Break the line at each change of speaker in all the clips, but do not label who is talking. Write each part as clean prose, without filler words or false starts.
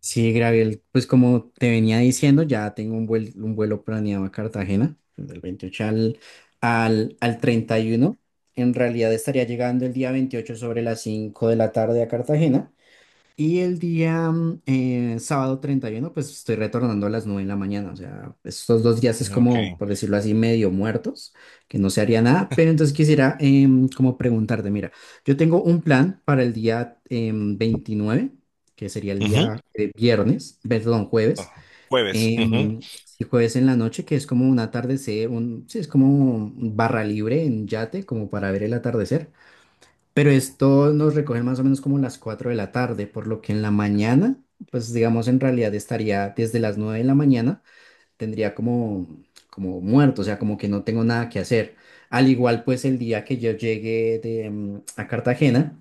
Sí, Gabriel, pues como te venía diciendo, ya tengo un vuelo planeado a Cartagena, del 28 al 31. En realidad estaría llegando el día 28 sobre las 5 de la tarde a Cartagena y el día sábado 31 pues estoy retornando a las 9 de la mañana. O sea, estos dos días es
Ok.
como, por decirlo así, medio muertos, que no se haría nada. Pero entonces quisiera como preguntarte, mira, yo tengo un plan para el día 29, que sería el
Ujú,
día viernes, perdón, jueves.
ajá. Jueves. Ujú,
Sí, jueves en la noche, que es como un atardecer, un, sí, es como un barra libre en yate, como para ver el atardecer. Pero esto nos recoge más o menos como las 4 de la tarde, por lo que en la mañana, pues digamos en realidad estaría desde las 9 de la mañana, tendría como, como muerto, o sea, como que no tengo nada que hacer. Al igual pues el día que yo llegué de, a Cartagena,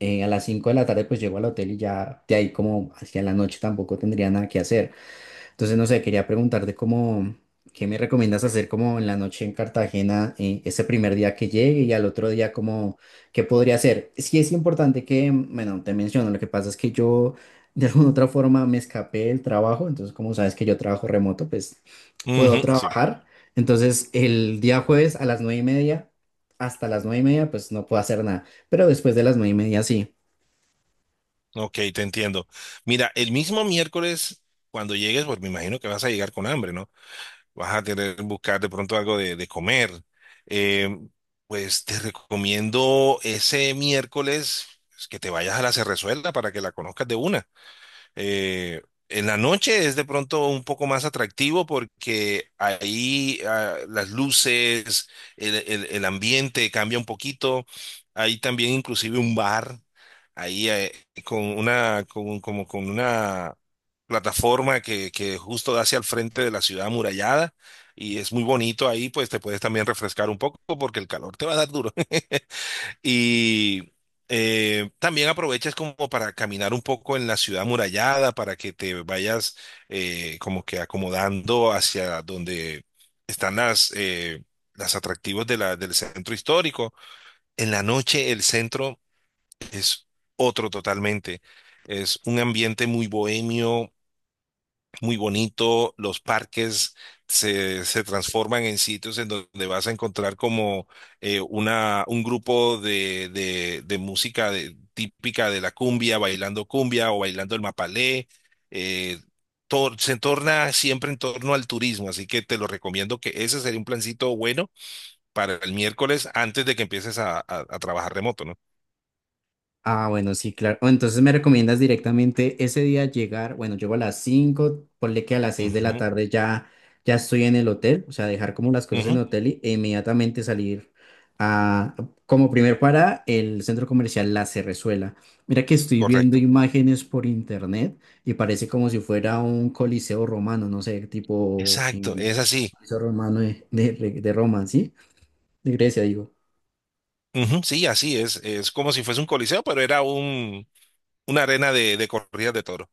a las 5 de la tarde pues llego al hotel y ya de ahí como hacia la noche tampoco tendría nada que hacer. Entonces, no sé, quería preguntarte cómo, ¿qué me recomiendas hacer como en la noche en Cartagena, ese primer día que llegue y al otro día como, qué podría hacer? Sí es importante que, bueno, te menciono, lo que pasa es que yo de alguna otra forma me escapé del trabajo, entonces como sabes que yo trabajo remoto, pues puedo
ujú, sí.
trabajar. Entonces, el día jueves a las nueve y media, hasta las nueve y media, pues no puedo hacer nada, pero después de las nueve y media sí.
Ok, te entiendo. Mira, el mismo miércoles, cuando llegues, pues me imagino que vas a llegar con hambre, ¿no? Vas a tener que buscar de pronto algo de comer. Eh, pues te recomiendo ese miércoles pues, que te vayas a la Cerrezuela para que la conozcas de una. Eh, en la noche es de pronto un poco más atractivo porque ahí las luces, el ambiente cambia un poquito. Hay también inclusive un bar ahí con una, como con una plataforma que justo da hacia el frente de la ciudad amurallada y es muy bonito ahí, pues te puedes también refrescar un poco porque el calor te va a dar duro. Y también aprovechas como para caminar un poco en la ciudad amurallada, para que te vayas como que acomodando hacia donde están las atractivos del centro histórico. En la noche el centro es otro totalmente. Es un ambiente muy bohemio, muy bonito, los parques se transforman en sitios en donde vas a encontrar como un grupo de música típica de la cumbia, bailando cumbia o bailando el mapalé. eh, Se torna siempre en torno al turismo, así que te lo recomiendo que ese sería un plancito bueno para el miércoles antes de que empieces a trabajar remoto, ¿no?
Ah, bueno, sí, claro. O entonces me recomiendas directamente ese día llegar, bueno, llego a las 5, ponle que a las seis de la
Ujú,
tarde ya, ya estoy en el hotel, o sea, dejar como las cosas en
ujú,
el hotel e inmediatamente salir a, como primer para el centro comercial La Cerrezuela. Mira que estoy viendo
correcto.
imágenes por internet y parece como si fuera un coliseo romano, no sé, tipo
Exacto,
en
es así.
coliseo romano de de Roma, ¿sí? De Grecia, digo.
Ujú, sí, así es. Es como si fuese un coliseo, pero era una arena de corridas de toro.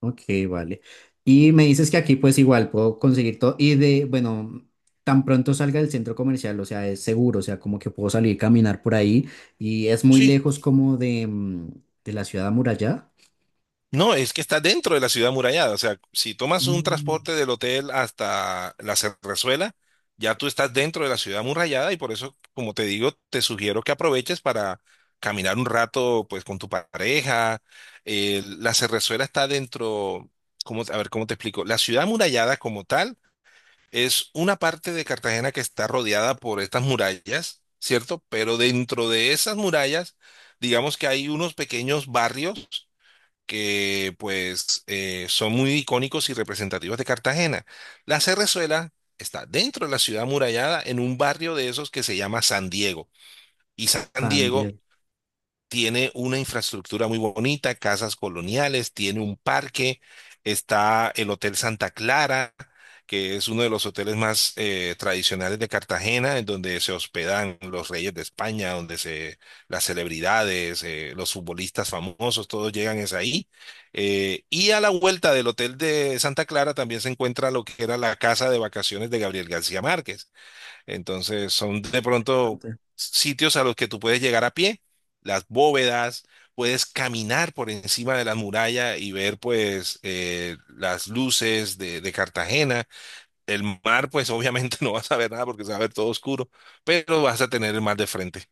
Ok, vale. Y me dices que aquí pues igual puedo conseguir todo y de, bueno, tan pronto salga del centro comercial, o sea, es seguro, o sea, como que puedo salir caminar por ahí y es muy
Sí.
lejos como de, de la ciudad amurallada.
No, es que está dentro de la ciudad amurallada. O sea, si tomas un
Mm.
transporte del hotel hasta la Cerrezuela, ya tú estás dentro de la ciudad amurallada y por eso, como te digo, te sugiero que aproveches para caminar un rato, pues, con tu pareja. La Cerrezuela está dentro, a ver, ¿cómo te explico? La ciudad amurallada como tal es una parte de Cartagena que está rodeada por estas murallas, ¿cierto? Pero dentro de esas murallas, digamos que hay unos pequeños barrios que pues son muy icónicos y representativos de Cartagena. La Cerrezuela está dentro de la ciudad amurallada en un barrio de esos que se llama San Diego. Y San
San
Diego
Diego.
tiene una infraestructura muy bonita, casas coloniales, tiene un parque, está el Hotel Santa Clara, que es uno de los hoteles más tradicionales de Cartagena, en donde se hospedan los reyes de España, donde se las celebridades, los futbolistas famosos, todos llegan es ahí. Y a la vuelta del Hotel de Santa Clara también se encuentra lo que era la casa de vacaciones de Gabriel García Márquez. Entonces son de pronto
Bastante.
sitios a los que tú puedes llegar a pie, las bóvedas, puedes caminar por encima de la muralla y ver pues las luces de Cartagena. El mar pues obviamente no vas a ver nada porque se va a ver todo oscuro, pero vas a tener el mar de frente.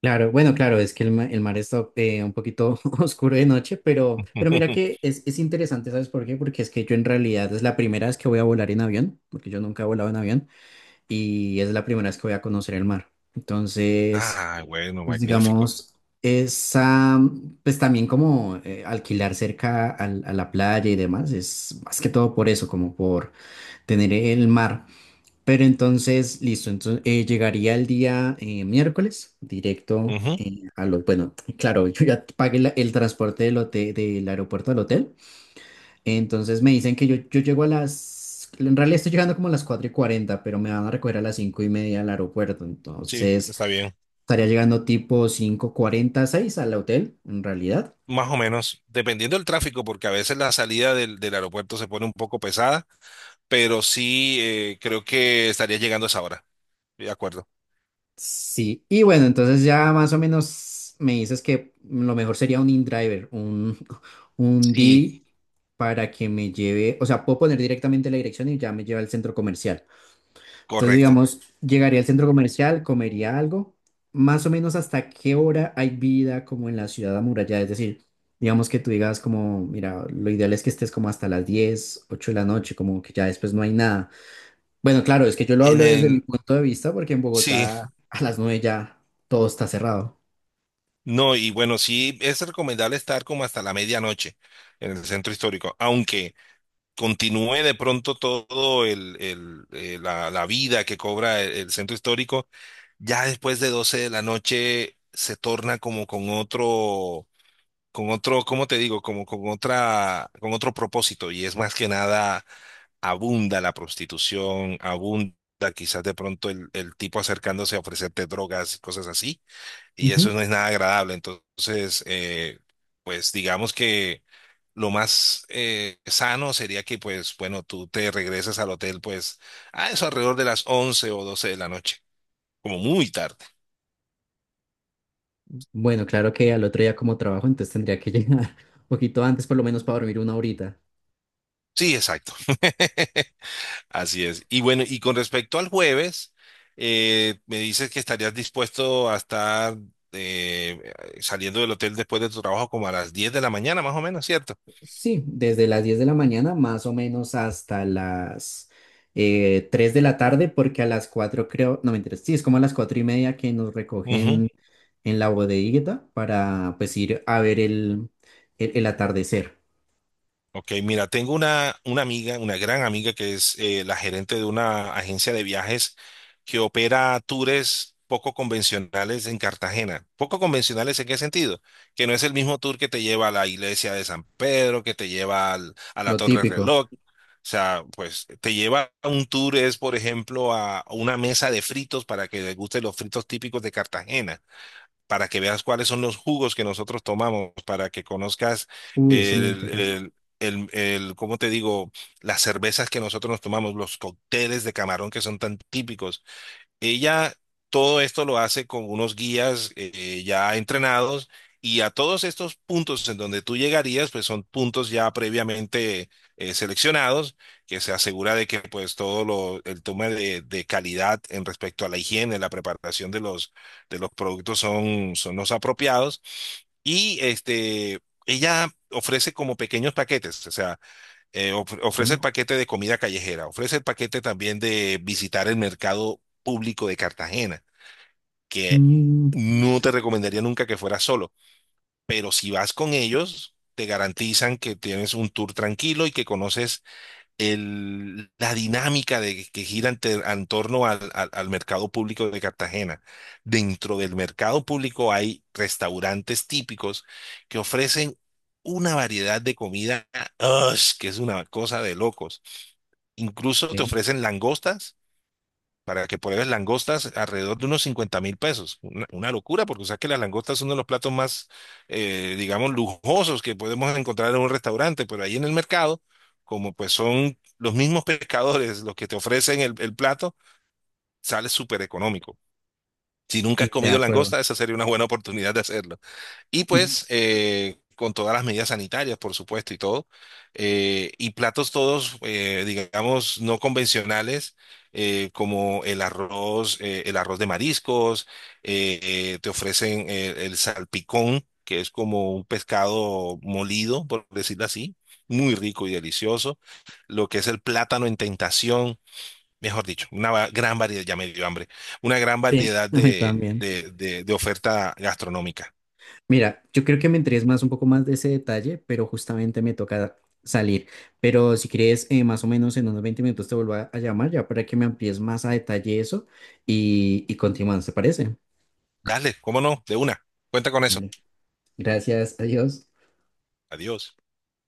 Claro, bueno, claro, es que el, el mar está un poquito oscuro de noche, pero mira que es interesante, ¿sabes por qué? Porque es que yo en realidad es la primera vez que voy a volar en avión, porque yo nunca he volado en avión, y es la primera vez que voy a conocer el mar. Entonces,
Ah, bueno,
pues
magnífico.
digamos, esa, pues también como alquilar cerca a la playa y demás, es más que todo por eso, como por tener el mar. Pero entonces, listo, entonces llegaría el día miércoles, directo
Ujú,
a los, bueno, claro, yo ya pagué el transporte del hotel, del aeropuerto al hotel, entonces me dicen que yo llego a las, en realidad estoy llegando como a las 4 y 40 pero me van a recoger a las 5 y media al aeropuerto,
sí,
entonces.
está bien.
Estaría llegando tipo cinco cuarenta seis al hotel, en realidad.
Más o menos, dependiendo del tráfico, porque a veces la salida del aeropuerto se pone un poco pesada, pero sí creo que estaría llegando a esa hora. De acuerdo.
Sí, y bueno, entonces ya más o menos me dices que lo mejor sería un InDriver, un, un
Sí,
Didi, para que me lleve, o sea, puedo poner directamente la dirección y ya me lleva al centro comercial. Entonces,
correcto.
digamos, llegaría al centro comercial, comería algo, más o menos hasta qué hora hay vida como en la ciudad amurallada, es decir, digamos que tú digas como, mira, lo ideal es que estés como hasta las 10 8 de la noche, como que ya después no hay nada. Bueno, claro, es que yo lo
En
hablo desde mi
el,
punto de vista porque en
sí,
Bogotá a las nueve ya todo está cerrado.
no, y bueno, sí es recomendable estar como hasta la medianoche en el centro histórico, aunque continúe de pronto todo la vida que cobra el centro histórico, ya después de 12 de la noche se torna como ¿cómo te digo? Como con otra, con otro propósito, y es más que nada abunda la prostitución, abunda quizás de pronto el tipo acercándose a ofrecerte drogas y cosas así, y eso
Ujú.
no es nada agradable. Entonces, pues digamos que lo más sano sería que, pues, bueno, tú te regresas al hotel, pues, a eso alrededor de las 11 o 12 de la noche, como muy tarde.
Bueno, claro que al otro día como trabajo, entonces tendría que llegar un poquito antes, por lo menos para dormir una horita.
Sí, exacto. Así es. Y bueno, y con respecto al jueves, me dices que estarías dispuesto a estar eh, saliendo del hotel después de tu trabajo como a las 10 de la mañana, más o menos, ¿cierto?
Sí, desde las 10 de la mañana más o menos hasta las 3 de la tarde, porque a las 4 creo, no me interesa, sí, es como a las 4 y media que nos
Ujú.
recogen en la bodeguita para pues ir a ver el, el atardecer,
Ok, mira, tengo una amiga, una gran amiga que es la gerente de una agencia de viajes que opera tours poco convencionales en Cartagena. ¿Poco convencionales en qué sentido? Que no es el mismo tour que te lleva a la iglesia de San Pedro, que te lleva a la
lo
Torre
típico.
Reloj. O sea, pues te lleva a un tour, es por ejemplo a una mesa de fritos para que guste los fritos típicos de Cartagena para que veas cuáles son los jugos que nosotros tomamos, para que conozcas
Uy, eso me
el,
interesa.
el, ¿cómo te digo? Las cervezas que nosotros nos tomamos, los cócteles de camarón que son tan típicos. Ella todo esto lo hace con unos guías ya entrenados y a todos estos puntos en donde tú llegarías, pues son puntos ya previamente seleccionados, que se asegura de que pues todo el tema de calidad en respecto a la higiene, la preparación de los productos son los apropiados. Y este, ella ofrece como pequeños paquetes, o sea, ofrece el paquete de comida callejera, ofrece el paquete también de visitar el mercado público de Cartagena, que
¿No?
no te recomendaría nunca que fueras solo, pero si vas con ellos, te garantizan que tienes un tour tranquilo y que conoces la dinámica que gira en torno al mercado público de Cartagena. Dentro del mercado público hay restaurantes típicos que ofrecen una variedad de comida, ¡ush! Que es una cosa de locos. Incluso te
Eh.
ofrecen langostas para que pruebes langostas alrededor de unos 50.000 pesos. Una locura, porque sabes que las langostas son uno de los platos más, digamos, lujosos que podemos encontrar en un restaurante, pero ahí en el mercado, como pues son los mismos pescadores los que te ofrecen el plato, sale súper económico. Si nunca has
De
comido
acuerdo.
langosta, esa sería una buena oportunidad de hacerlo. Y pues con todas las medidas sanitarias, por supuesto, y todo. Y platos todos, digamos, no convencionales, como el arroz de mariscos, eh, te ofrecen el salpicón, que es como un pescado molido, por decirlo así, muy rico y delicioso. Lo que es el plátano en tentación, mejor dicho, gran variedad, ya me dio hambre, una gran
Sí,
variedad
a mí
de,
también.
de de- de oferta gastronómica.
Mira, yo creo que me interesa más un poco más de ese detalle, pero justamente me toca salir. Pero si quieres, más o menos en unos 20 minutos te vuelvo a llamar ya para que me amplíes más a detalle eso y continuamos, ¿te parece?
Dale, cómo no, de una. Cuenta con eso.
Vale. Gracias, adiós.
Adiós.